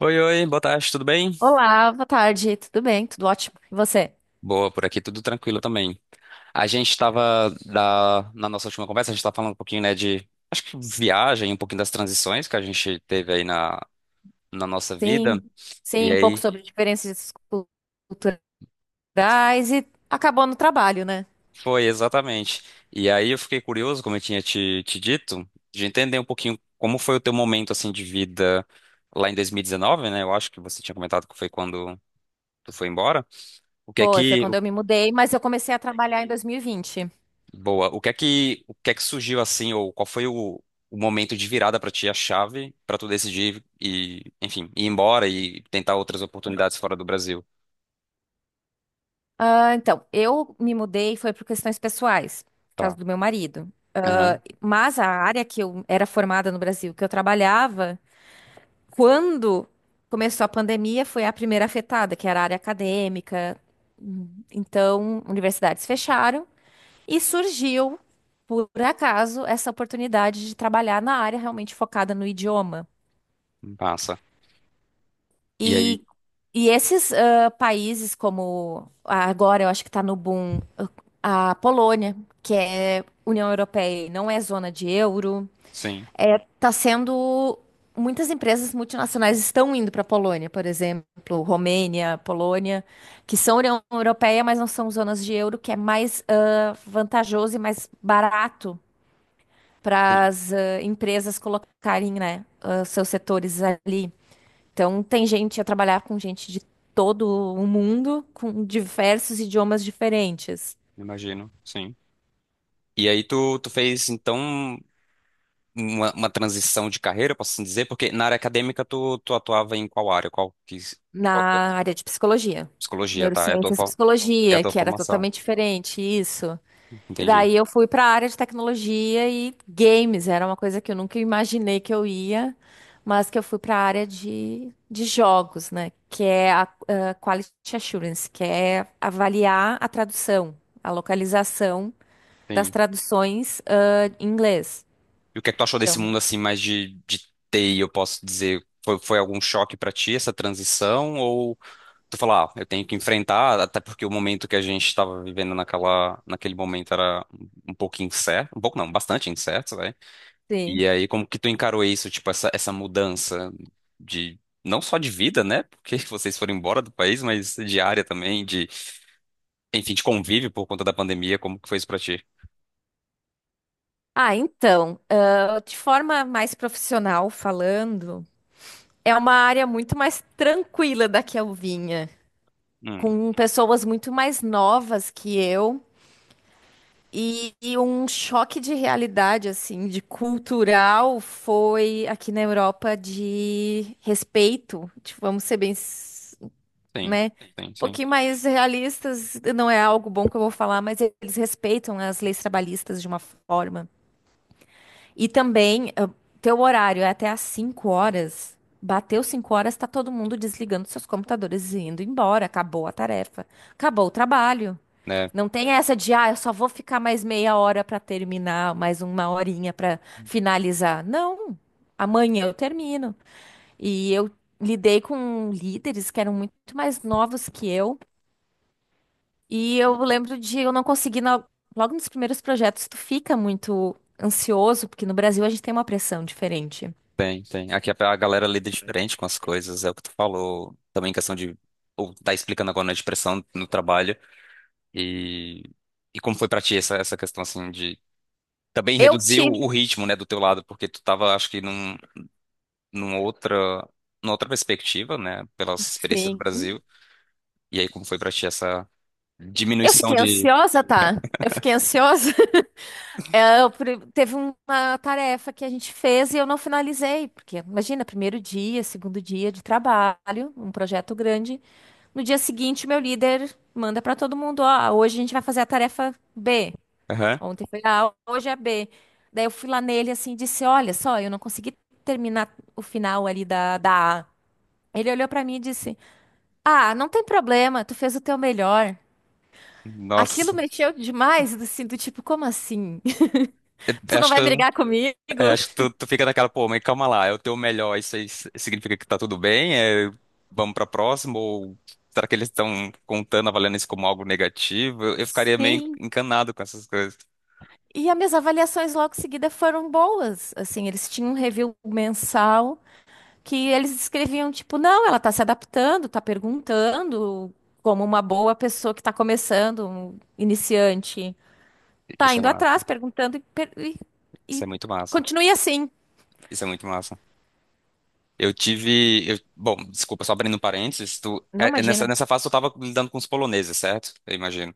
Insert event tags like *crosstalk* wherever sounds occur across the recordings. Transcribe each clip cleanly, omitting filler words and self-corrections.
Oi, oi, boa tarde, tudo bem? Olá, boa tarde, tudo bem? Tudo ótimo. E você? Boa, por aqui tudo tranquilo também. A gente estava Na nossa última conversa, a gente estava falando um pouquinho, né, de acho que viagem, um pouquinho das transições que a gente teve aí na nossa vida. Sim, E sim, um pouco aí sobre diferenças culturais e acabou no trabalho, né? foi exatamente. E aí eu fiquei curioso, como eu tinha te dito, de entender um pouquinho como foi o teu momento assim de vida lá em 2019, né? Eu acho que você tinha comentado que foi quando tu foi embora. O que é Foi que quando eu me mudei, mas eu comecei a trabalhar em 2020. Boa. O que é que surgiu assim, ou qual foi o momento de virada pra ti, a chave pra tu decidir e, enfim, ir embora e tentar outras oportunidades fora do Brasil? Então, eu me mudei foi por questões pessoais, por causa Tá. do meu marido. Aham. Mas a área que eu era formada no Brasil, que eu trabalhava, quando começou a pandemia, foi a primeira afetada, que era a área acadêmica. Então, universidades fecharam. E surgiu, por acaso, essa oportunidade de trabalhar na área realmente focada no idioma. Passa. E aí? E, e esses países, como agora eu acho que está no boom, a Polônia, que é União Europeia e não é zona de euro, Sim. é, tá sendo. Muitas empresas multinacionais estão indo para a Polônia, por exemplo, Romênia, Polônia, que são União Europeia, mas não são zonas de euro, que é mais vantajoso e mais barato para Sim. as empresas colocarem, né, seus setores ali. Então, tem gente a trabalhar com gente de todo o mundo, com diversos idiomas diferentes, Imagino. Sim. E aí tu fez então uma transição de carreira, posso assim dizer, porque na área acadêmica tu atuava em qual área? Qual que é a na tua- área de psicologia. psicologia, tá? É a tua, Neurociências e fo- é a psicologia, tua que era formação. totalmente diferente, isso. E Entendi. daí eu fui para a área de tecnologia e games, era uma coisa que eu nunca imaginei que eu ia, mas que eu fui para a área de jogos, né? Que é a, Quality Assurance, que é avaliar a tradução, a localização das Sim. traduções, em inglês. E o que é que tu achou desse Então, mundo assim mais de TI, eu posso dizer? Foi algum choque pra ti essa transição? Ou tu falar, ah, eu tenho que enfrentar, até porque o momento que a gente estava vivendo naquela, naquele momento era um pouco incerto, um pouco não, bastante incerto, né? sim. E aí, como que tu encarou isso, tipo, essa mudança de não só de vida, né? Porque *laughs* vocês foram embora do país, mas de área também, de, enfim, de convívio por conta da pandemia, como que foi isso pra ti? Então, de forma mais profissional falando, é uma área muito mais tranquila da que eu vinha, Hum, com pessoas muito mais novas que eu. E um choque de realidade, assim, de cultural, foi aqui na Europa de respeito. Tipo, vamos ser bem, sim, né? sim, Um sim. pouquinho mais realistas, não é algo bom que eu vou falar, mas eles respeitam as leis trabalhistas de uma forma. E também, teu horário é até às 5 horas. Bateu 5 horas, tá todo mundo desligando seus computadores e indo embora. Acabou a tarefa. Acabou o trabalho. Né? Não tem essa de, eu só vou ficar mais meia hora pra terminar, mais uma horinha pra finalizar. Não, amanhã eu termino. E eu lidei com líderes que eram muito mais novos que eu, e eu lembro de eu não conseguir, logo nos primeiros projetos, tu fica muito ansioso, porque no Brasil a gente tem uma pressão diferente. Tem, tem. Aqui a galera lida diferente com as coisas, é o que tu falou. Também questão de. Ou tá explicando agora na depressão no trabalho. E, e como foi pra ti essa questão, assim, de. Também Eu reduzir o tive, o ritmo, né, do teu lado, porque tu tava, acho que, num outra, numa outra perspectiva, né, pelas experiências do sim. Brasil. E aí, como foi pra ti essa Eu diminuição fiquei de. ansiosa, tá? Eu fiquei ansiosa. *laughs* É, teve uma tarefa que a gente fez e eu não finalizei, porque imagina, primeiro dia, segundo dia de trabalho, um projeto grande. No dia seguinte, meu líder manda para todo mundo: ó, hoje a gente vai fazer a tarefa B. Aham. Ontem foi A, hoje é a B. Daí eu fui lá nele assim e disse: olha só, eu não consegui terminar o final ali da A. Ele olhou para mim e disse: ah, não tem problema, tu fez o teu melhor. Aquilo Nossa. mexeu demais, assim, do tipo, como assim? Eu- *laughs* Tu eu não Acho que. vai brigar comigo? É, acho que tu fica naquela, pô, mas calma lá, é o teu melhor, isso aí significa que tá tudo bem? É, vamos pra próxima? Ou será que eles estão contando, avaliando isso como algo negativo? Eu ficaria meio Sim. encanado com essas coisas. E as minhas avaliações logo em seguida foram boas. Assim, eles tinham um review mensal que eles escreviam, tipo, não, ela tá se adaptando, tá perguntando, como uma boa pessoa que tá começando, um iniciante. Tá Isso é indo atrás, massa, perguntando isso e é muito massa, continue assim. isso é muito massa. Eu tive, bom, desculpa, só abrindo um parênteses, tu, Não, é nessa, imagina. nessa fase tu tava lidando com os poloneses, certo? Eu imagino.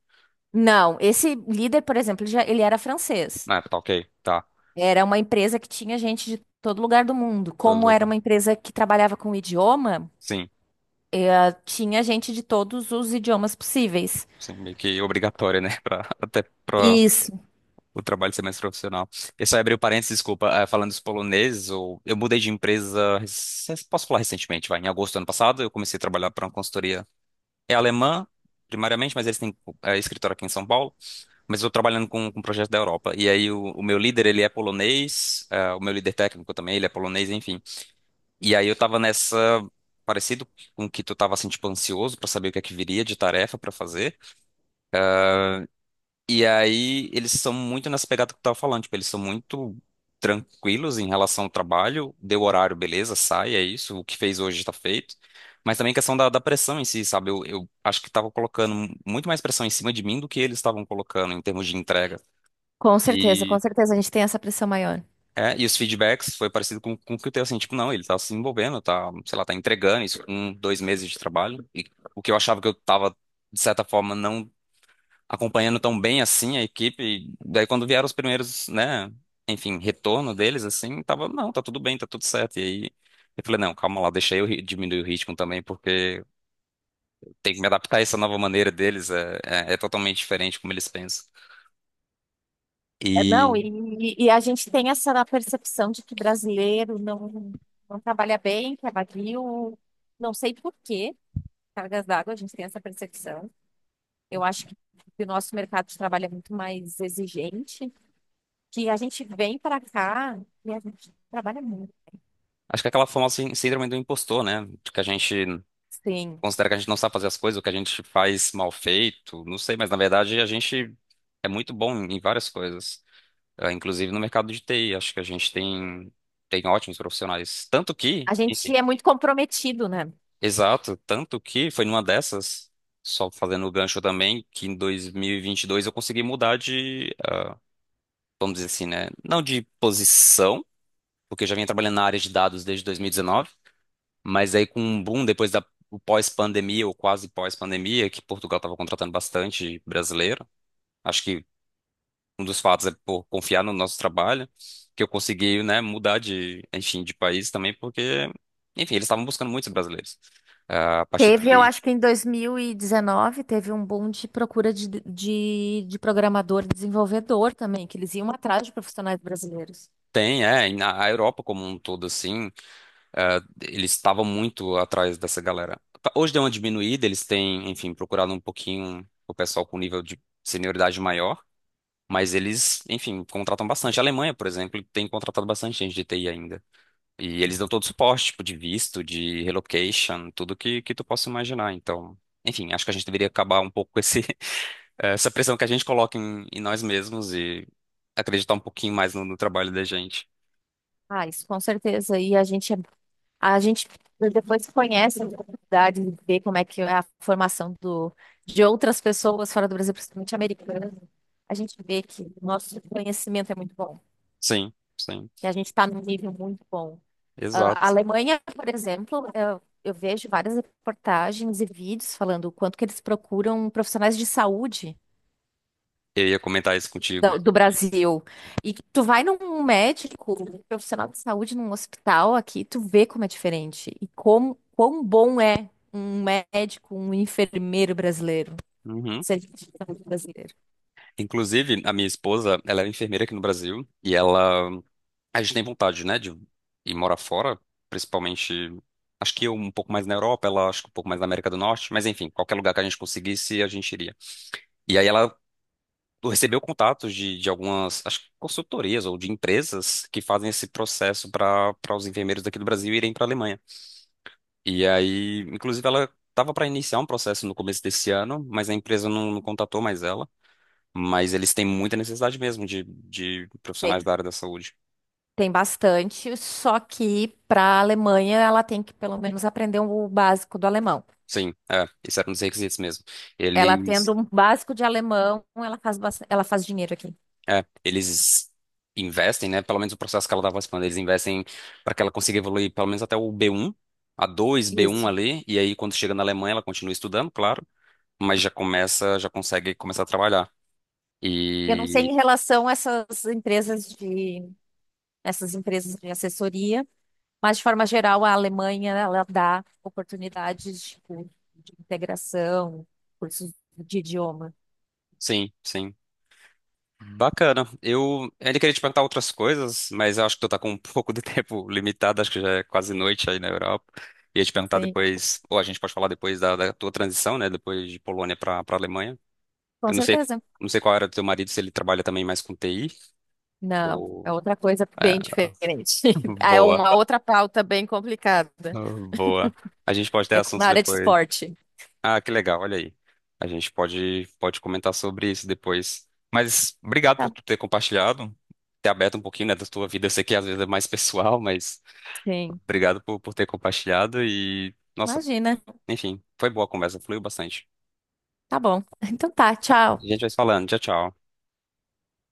Não, esse líder, por exemplo, ele era francês. Ah, tá ok, tá, Era uma empresa que tinha gente de todo lugar do mundo. todo Como era lugar. uma empresa que trabalhava com idioma, Sim, tinha gente de todos os idiomas possíveis. sim, meio que obrigatório, né? *laughs* Até pra Isso. o trabalho ser mais profissional. Eu só abri o parênteses, desculpa, falando dos poloneses, eu mudei de empresa, posso falar recentemente, vai, em agosto do ano passado, eu comecei a trabalhar para uma consultoria, é alemã, primariamente, mas eles têm escritório aqui em São Paulo, mas eu estou trabalhando com um projeto da Europa, e aí o meu líder, ele é polonês, o meu líder técnico também, ele é polonês, enfim, e aí eu tava nessa. Parecido com que tu tava assim, tipo, ansioso para saber o que é que viria de tarefa para fazer. E aí eles são muito nessa pegada que eu tava falando, tipo, eles são muito tranquilos em relação ao trabalho, deu horário, beleza, sai, é isso, o que fez hoje está feito. Mas também a questão da pressão em si, sabe? Eu acho que tava colocando muito mais pressão em cima de mim do que eles estavam colocando em termos de entrega. Com E, certeza a gente tem essa pressão maior. e os feedbacks foi parecido com o que eu tenho, assim, tipo, não, ele tá se envolvendo, tá, sei lá, tá entregando isso com 2 meses de trabalho. E o que eu achava que eu tava, de certa forma, não acompanhando tão bem assim a equipe. E daí quando vieram os primeiros, né, enfim, retorno deles assim, tava, não, tá tudo bem, tá tudo certo. E aí eu falei, não, calma lá, deixa eu diminuir o ritmo também, porque tem que me adaptar a essa nova maneira deles, é totalmente diferente como eles pensam. É, não, E e a gente tem essa percepção de que brasileiro não trabalha bem, que é vadio. Não sei por quê, cargas d'água, a gente tem essa percepção. Eu acho que o nosso mercado de trabalho é muito mais exigente, que a gente vem para cá e a gente trabalha muito. acho que é aquela famosa síndrome do impostor, né? De que a gente Sim. considera que a gente não sabe fazer as coisas, ou que a gente faz mal feito, não sei, mas na verdade a gente é muito bom em várias coisas. Ah, inclusive no mercado de TI, acho que a gente tem ótimos profissionais. A gente é muito comprometido, né? Exato, tanto que foi numa dessas, só fazendo o gancho também, que em dois mil e vinte e dois eu consegui mudar de, vamos dizer assim, né? Não de posição, porque eu já vinha trabalhando na área de dados desde 2019, mas aí com um boom depois da o pós-pandemia, ou quase pós-pandemia, que Portugal estava contratando bastante brasileiro. Acho que um dos fatos é por confiar no nosso trabalho, que eu consegui, né, mudar de, enfim, de país também, porque, enfim, eles estavam buscando muitos brasileiros. Ah, a parte de Teve, eu TI acho que em 2019, teve um boom de procura de programador e desenvolvedor também, que eles iam atrás de profissionais brasileiros. tem, é, e na a Europa como um todo, assim, ah, eles estavam muito atrás dessa galera. Tá, hoje deu uma diminuída, eles têm, enfim, procurado um pouquinho o pessoal com nível de senioridade maior, mas eles, enfim, contratam bastante. A Alemanha, por exemplo, tem contratado bastante gente de TI ainda. E eles dão todo suporte, tipo, de visto, de relocation, tudo que tu possa imaginar. Então, enfim, acho que a gente deveria acabar um pouco com *laughs* essa pressão que a gente coloca em nós mesmos e acreditar um pouquinho mais no trabalho da gente. Ah, isso com certeza. A gente depois conhece a oportunidade de ver como é que é a formação do, de outras pessoas fora do Brasil, principalmente americanas. A gente vê que o nosso conhecimento é muito bom, Sim, sim, que a gente está num nível muito bom. Ah, a exato. Alemanha, por exemplo, eu vejo várias reportagens e vídeos falando o quanto que eles procuram profissionais de saúde Eu ia comentar isso contigo. do Brasil. E que tu vai num médico, um profissional de saúde num hospital aqui, tu vê como é diferente e como quão bom é um médico, um enfermeiro brasileiro, um Uhum. serviço de saúde brasileiro. Inclusive, a minha esposa, ela é enfermeira aqui no Brasil e ela, a gente tem vontade, né, de ir morar fora, principalmente. Acho que eu um pouco mais na Europa, ela acho que um pouco mais na América do Norte, mas enfim, qualquer lugar que a gente conseguisse, a gente iria. E aí ela recebeu contatos de algumas, acho que consultorias ou de empresas que fazem esse processo para os enfermeiros daqui do Brasil irem para a Alemanha. E aí, inclusive, ela estava para iniciar um processo no começo desse ano, mas a empresa não, não contatou mais ela. Mas eles têm muita necessidade mesmo de profissionais Tem, da área da saúde. tem bastante, só que para a Alemanha ela tem que pelo menos aprender o básico do alemão. Sim, é, isso era um dos requisitos mesmo. Ela tendo Eles um básico de alemão, ela faz, ela faz dinheiro aqui. É, eles investem, né? Pelo menos o processo que ela estava falando, eles investem para que ela consiga evoluir pelo menos até o B1, A2, B1 Isso. ali, e aí quando chega na Alemanha ela continua estudando, claro, mas já começa, já consegue começar a trabalhar. Eu não sei E em relação a essas empresas de assessoria, mas de forma geral a Alemanha ela dá oportunidades tipo, de integração, cursos de idioma. sim, sim. Bacana. Eu ainda queria te perguntar outras coisas, mas eu acho que tu tá com um *laughs* pouco de tempo limitado, acho que já é quase noite aí na Europa. Ia te perguntar Sim, depois, ou a gente pode falar depois da tua transição, né? Depois de Polônia para Alemanha. com Eu não sei, certeza. não sei qual era do teu marido, se ele trabalha também mais com TI Não, ou. é outra coisa É, bem diferente. *laughs* *laughs* É boa, uma outra pauta bem complicada. boa. A gente pode ter É assuntos na área de depois. esporte. Ah, que legal, olha aí. A gente pode comentar sobre isso depois. Mas obrigado por Tá. tu ter compartilhado, ter aberto um pouquinho, né, da tua vida. Eu sei que às vezes é mais *laughs* pessoal, mas Sim. obrigado por ter compartilhado e, nossa, Imagina. enfim, foi boa a conversa, fluiu bastante. Tá bom. Então tá, A tchau. gente vai se falando. Tchau, tchau.